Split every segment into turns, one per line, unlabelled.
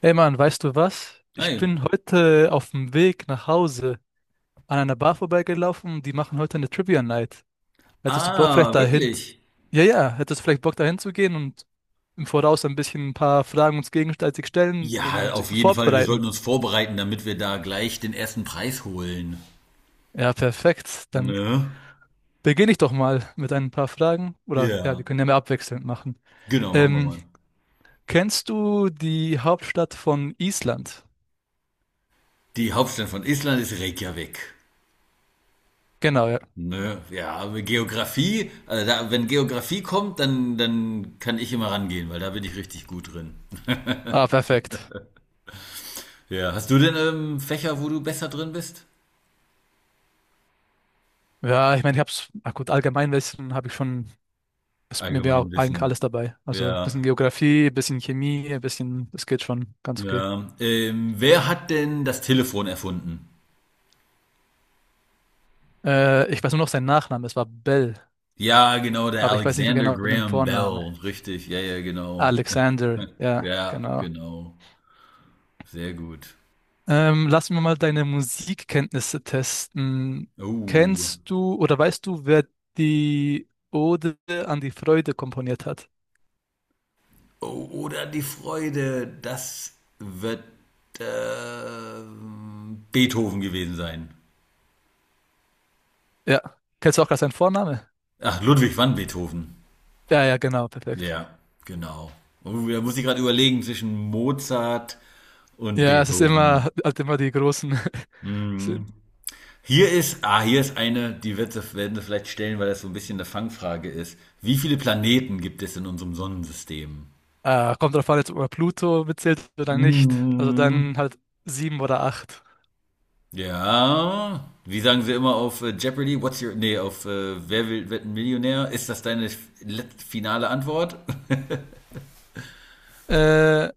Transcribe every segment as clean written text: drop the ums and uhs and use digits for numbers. Hey Mann, weißt du was? Ich
Hi.
bin heute auf dem Weg nach Hause an einer Bar vorbeigelaufen, die machen heute eine Trivia Night. Hättest du Bock
Ah,
vielleicht dahin?
wirklich?
Ja, ja, hättest du vielleicht Bock dahin zu gehen und im Voraus ein bisschen ein paar Fragen uns gegenseitig stellen, um
Ja,
sie
auf jeden Fall. Wir sollten
vorzubereiten?
uns vorbereiten, damit wir da gleich den ersten Preis holen.
Ja, perfekt.
Ne?
Dann beginne ich doch mal mit ein paar Fragen. Oder ja, wir
Ja.
können ja mehr abwechselnd machen.
Genau, machen wir
Ähm,
mal.
Kennst du die Hauptstadt von Island?
Die Hauptstadt von Island ist Reykjavik.
Genau, ja.
Ne? Ja, aber Geografie, also da, wenn Geografie kommt, dann kann ich immer rangehen, weil da bin ich richtig gut drin.
Ah, perfekt.
Ja, hast du denn Fächer, wo du besser drin bist?
Ja, ich meine, ich hab's, ach gut, Allgemeinwissen habe ich schon. Mir wäre eigentlich alles
Allgemeinwissen.
dabei. Also ein
Ja,
bisschen Geografie, ein bisschen Chemie, ein bisschen, das geht schon ganz okay.
ja. Wer hat denn das Telefon erfunden?
Ich weiß nur noch seinen Nachnamen, es war Bell,
Ja, genau, der
aber ich weiß nicht mehr
Alexander
genau den
Graham
Vornamen.
Bell, richtig, ja, ja, genau.
Alexander, ja,
Ja,
genau.
genau, sehr gut.
Lass mir mal deine Musikkenntnisse testen.
Oh,
Kennst du oder weißt du, wer die Ode an die Freude komponiert hat?
oh, oder die Freude, das wird Beethoven gewesen sein.
Ja. Kennst du auch gerade seinen Vornamen?
Ach, Ludwig van Beethoven.
Ja, ja, genau, perfekt.
Ja, genau. Oh, da muss ich gerade überlegen zwischen Mozart und
Ja, es ist immer,
Beethoven.
halt immer die großen.
Mhm. Hier ist eine, werden sie vielleicht stellen, weil das so ein bisschen eine Fangfrage ist. Wie viele Planeten gibt es in unserem Sonnensystem?
Kommt drauf an, jetzt, ob man Pluto mitzählt oder nicht. Also
Hm,
dann halt sieben oder acht.
ja. Wie sagen sie immer auf Jeopardy? Nee, auf Wer will, wird ein Millionär? Ist das deine finale Antwort?
Äh,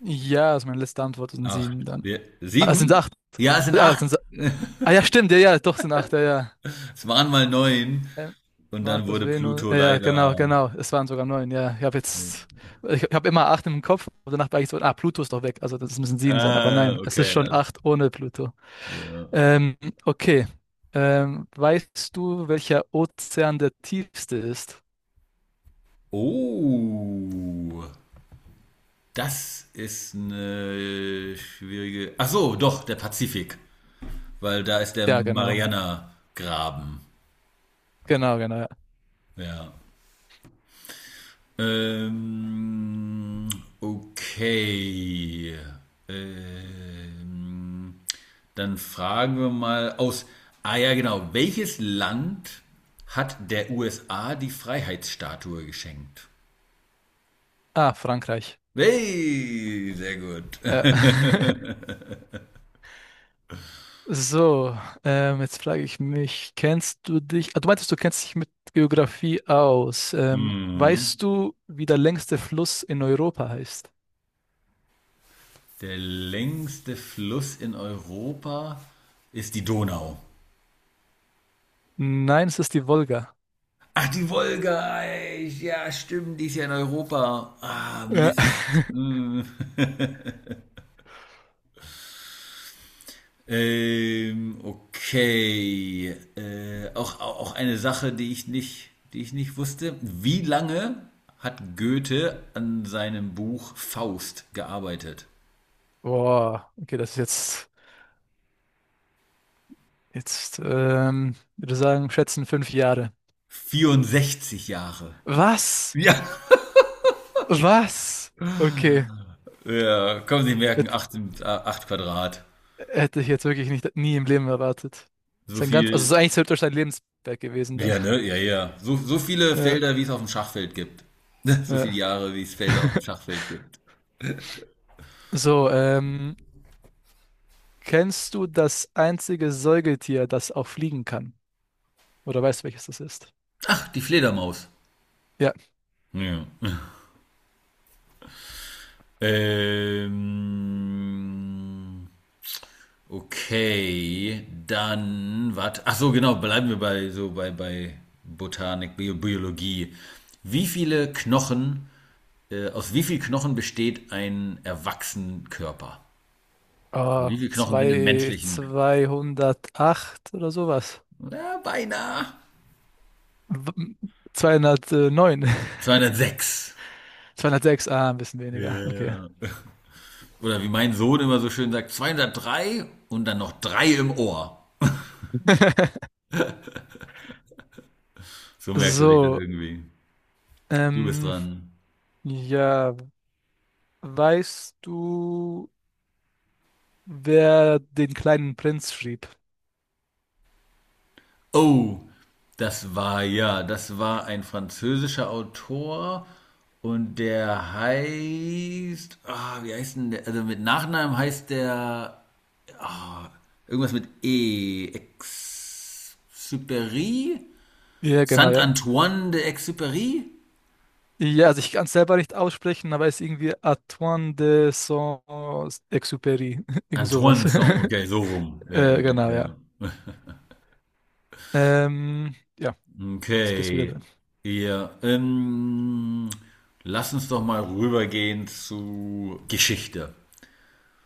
ja, also meine letzte Antwort sind sieben
Acht.
dann.
Ja,
Ah, es sind
sieben?
acht.
Ja, es sind
Ah, es
acht.
sind, ah ja, stimmt, ja, ja, doch sind acht, ja, ja.
Es waren mal neun.
Ähm,
Und dann
Markus
wurde
Venus,
Pluto
ja, ja, genau,
leider.
genau. Es waren sogar neun, ja. Ich habe
Nee.
jetzt, ich habe immer acht im Kopf, aber danach war ich so, ah, Pluto ist doch weg, also das müssen sieben sein, aber
Ah,
nein, es ist
okay.
schon acht ohne Pluto.
Ja.
Ähm, okay. Weißt du, welcher Ozean der tiefste ist?
Oh. Das ist eine schwierige. Ach so, doch, der Pazifik, weil da ist der
Ja, genau.
Mariana-Graben.
Genau, genau. Ja.
Ja. Ähm, okay. Ähm, Dann fragen wir mal aus. Ah ja, genau. Welches Land hat der USA die Freiheitsstatue geschenkt?
Ah, Frankreich.
Hey, sehr gut.
Ja. So, jetzt frage ich mich, kennst du dich, ah, du meintest, du kennst dich mit Geografie aus.
Mhm.
Weißt du, wie der längste Fluss in Europa heißt?
Der längste Fluss in Europa ist die Donau.
Nein, es ist die Wolga.
Ach, die Wolga, ey, ja, stimmt, die ist ja in Europa. Ah,
Ja.
Mist. Hm. Okay. Auch eine Sache, die ich nicht wusste. Wie lange hat Goethe an seinem Buch Faust gearbeitet?
Boah, okay, das ist jetzt, jetzt, würde sagen, schätzen 5 Jahre.
64 Jahre.
Was?
Ja.
Was? Okay,
Ja, kommen Sie merken,
das
8 8 Quadrat.
hätte ich jetzt wirklich nicht, nie im Leben erwartet.
So
Sein ganz, also es
viel.
ist eigentlich theoretisch sein Lebenswerk gewesen.
Ja, ne? Ja, ja. So viele
Ja,
Felder, wie es auf dem Schachfeld gibt. So viele
ja.
Jahre, wie es Felder auf dem Schachfeld gibt.
So, kennst du das einzige Säugetier, das auch fliegen kann? Oder weißt du, welches das ist?
Ach, die Fledermaus.
Ja.
Ja. Ähm, okay, dann, warte. Ach so, genau, bleiben wir bei Botanik, Biologie. Wie viele Knochen, Aus wie viel Knochen besteht ein erwachsenen Körper? Wie
Oh,
viele Knochen sind im
zwei,
menschlichen?
208 oder sowas.
Ja, beinahe.
W- 209.
206.
206, ah, ein bisschen weniger. Okay.
Ja. Oder wie mein Sohn immer so schön sagt, 203 und dann noch drei im Ohr. So merkte sich das
So,
irgendwie. Du bist
ähm,
dran.
ja, weißt du, wer den kleinen Prinz schrieb?
Oh, das war ja, das war ein französischer Autor und der heißt, wie heißt denn der? Also mit Nachnamen heißt der ah, irgendwas mit E. Exupéry?
Ja, genau,
Saint
ja.
Antoine de Exupéry?
Ja, also ich kann es selber nicht aussprechen, aber es ist irgendwie Antoine de Saint-Exupéry. Irgend
Antoine,
sowas.
Saint, okay, so rum. Ja, ja,
Genau, ja.
ja.
Ja, jetzt bist du wieder drin.
Okay. Ja, lass uns doch mal rübergehen zu Geschichte.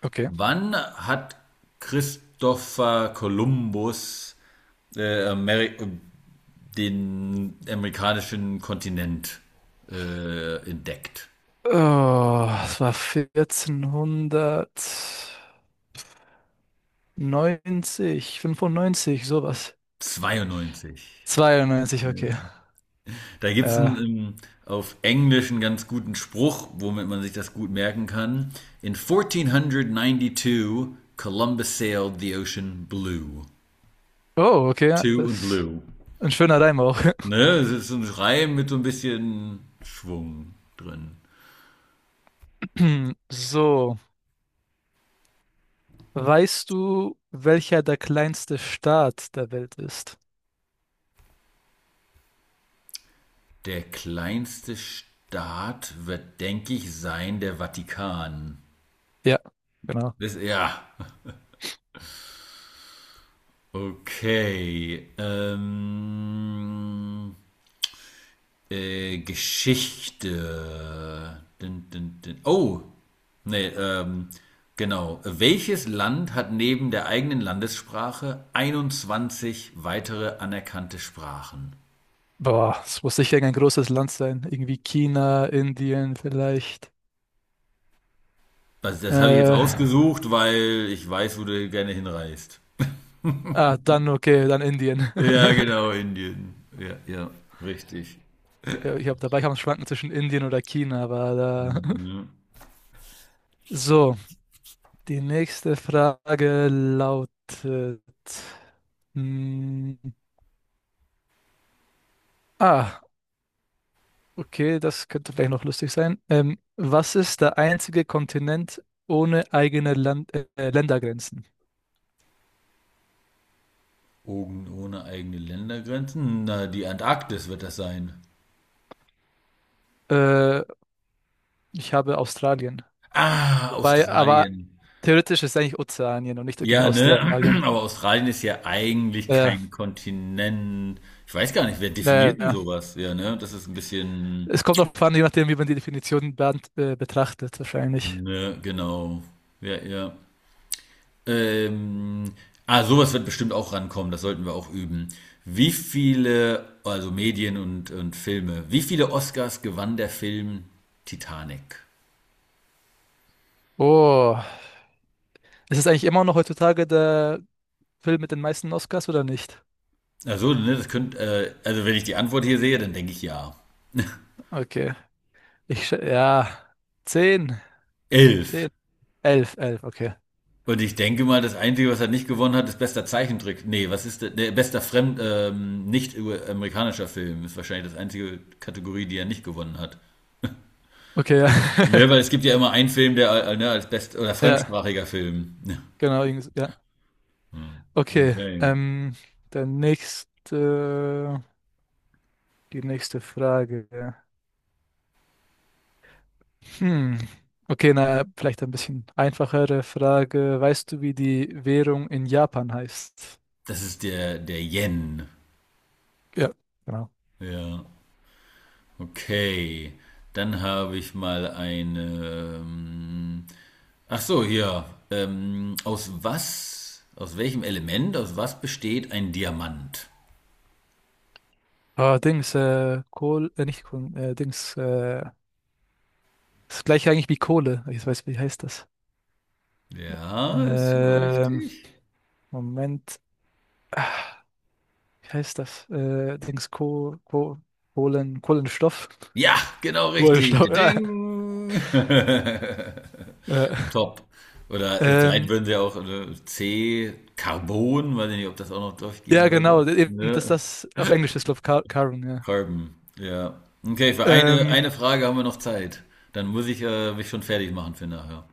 Okay.
Wann hat Christopher Columbus Ameri den amerikanischen Kontinent entdeckt?
Oh, es war 1490, 95, sowas.
92.
92, okay.
Da gibt es einen
Äh,
auf Englisch einen ganz guten Spruch, womit man sich das gut merken kann. In 1492 Columbus sailed the ocean blue.
oh, okay, ja,
Two und
das
blue.
ein schöner Reim auch.
Ne, es ist so ein Reim mit so ein bisschen Schwung drin.
So, weißt du, welcher der kleinste Staat der Welt ist?
Der kleinste Staat wird, denke ich, sein der Vatikan.
Ja, genau.
Das, ja, okay. Geschichte. Dun, dun, dun. Oh, nee, genau. Welches Land hat neben der eigenen Landessprache 21 weitere anerkannte Sprachen?
Boah, es muss sicher ein großes Land sein. Irgendwie China, Indien vielleicht.
Also das habe ich jetzt
Äh,
rausgesucht, weil ich weiß, wo du gerne hinreist.
ah, dann okay, dann Indien.
Ja, genau, Indien. Ja, ja, richtig.
Ja, ich habe dabei kann man schwanken zwischen Indien oder China, aber da.
Mhm.
So, die nächste Frage lautet. mm, ah, okay, das könnte vielleicht noch lustig sein. Was ist der einzige Kontinent ohne eigene Land Ländergrenzen?
Ogen ohne eigene Ländergrenzen? Na, die Antarktis wird das sein.
Äh, Ich habe Australien.
Ah,
Wobei, aber
Australien.
theoretisch ist eigentlich Ozeanien und nicht wirklich
Ja, ne?
Australien.
Aber Australien ist ja eigentlich
Äh,
kein Kontinent. Ich weiß gar nicht, wer
naja,
definiert denn
ja.
sowas? Ja, ne? Das ist ein bisschen.
Es kommt auch an, je nachdem, wie man die Definition betrachtet, wahrscheinlich.
Ne, genau. Ja, ja. Ähm, Sowas wird bestimmt auch rankommen. Das sollten wir auch üben. Wie viele, also Medien und Filme, wie viele Oscars gewann der Film Titanic?
Oh, ist es eigentlich immer noch heutzutage der Film mit den meisten Oscars oder nicht?
Also, ne, das könnte, also wenn ich die Antwort hier sehe, dann denke ich ja.
Okay, ja, 10,
11.
10, 11, 11, okay.
Und ich denke mal, das Einzige, was er nicht gewonnen hat, ist bester Zeichentrick. Nee, was ist der? Nee, nicht amerikanischer Film ist wahrscheinlich das einzige Kategorie, die er nicht gewonnen hat.
Okay, ja,
Nö, weil es gibt ja immer einen Film, der ne, als best oder
ja,
fremdsprachiger Film. Ja.
genau, irgendwie so, ja. Okay,
Okay.
der nächste, die nächste Frage. Ja. Hm. Okay, na, vielleicht ein bisschen einfachere Frage. Weißt du, wie die Währung in Japan heißt?
Das ist der Yen.
Ja. Genau.
Ja. Okay. Dann habe ich mal eine. Ach so, hier. Aus was, aus welchem Element, aus was besteht ein Diamant?
Ah, Dings, Kohl, nicht Kohl, Dings, das gleiche eigentlich wie Kohle. Ich weiß, wie heißt das?
Ja, ist sogar
Ähm,
richtig.
Moment. Ah, wie heißt das? Dings, Kohlenstoff?
Ja, genau richtig.
Kohlenstoff, ja.
Ding.
Äh,
Top. Oder vielleicht
ähm,
würden sie auch C, Carbon, weiß ich nicht, ob das auch noch durchgehen
ja,
würde.
genau, eben, dass
Ne?
das auf Englisch ist, glaube ich, Carbon, ja.
Carbon, ja. Okay, für eine,
Ähm,
eine Frage haben wir noch Zeit. Dann muss ich mich schon fertig machen für nachher.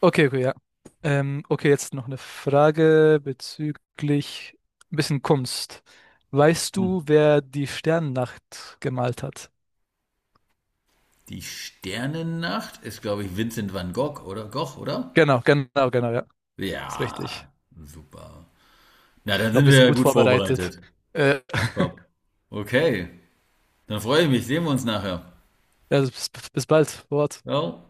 Okay, okay, ja. Okay, jetzt noch eine Frage bezüglich ein bisschen Kunst. Weißt
Hm.
du, wer die Sternennacht gemalt hat?
Die Sternennacht ist, glaube ich, Vincent van Gogh, oder? Gogh, oder?
Genau, genau, genau, ja. Ist richtig.
Ja, super. Na,
Ich
dann
glaube,
sind
wir
wir
sind
ja
gut
gut
vorbereitet.
vorbereitet.
Äh,
Top. Okay. Dann freue ich mich, sehen wir uns nachher.
ja, bis bald. Fort.
Ciao.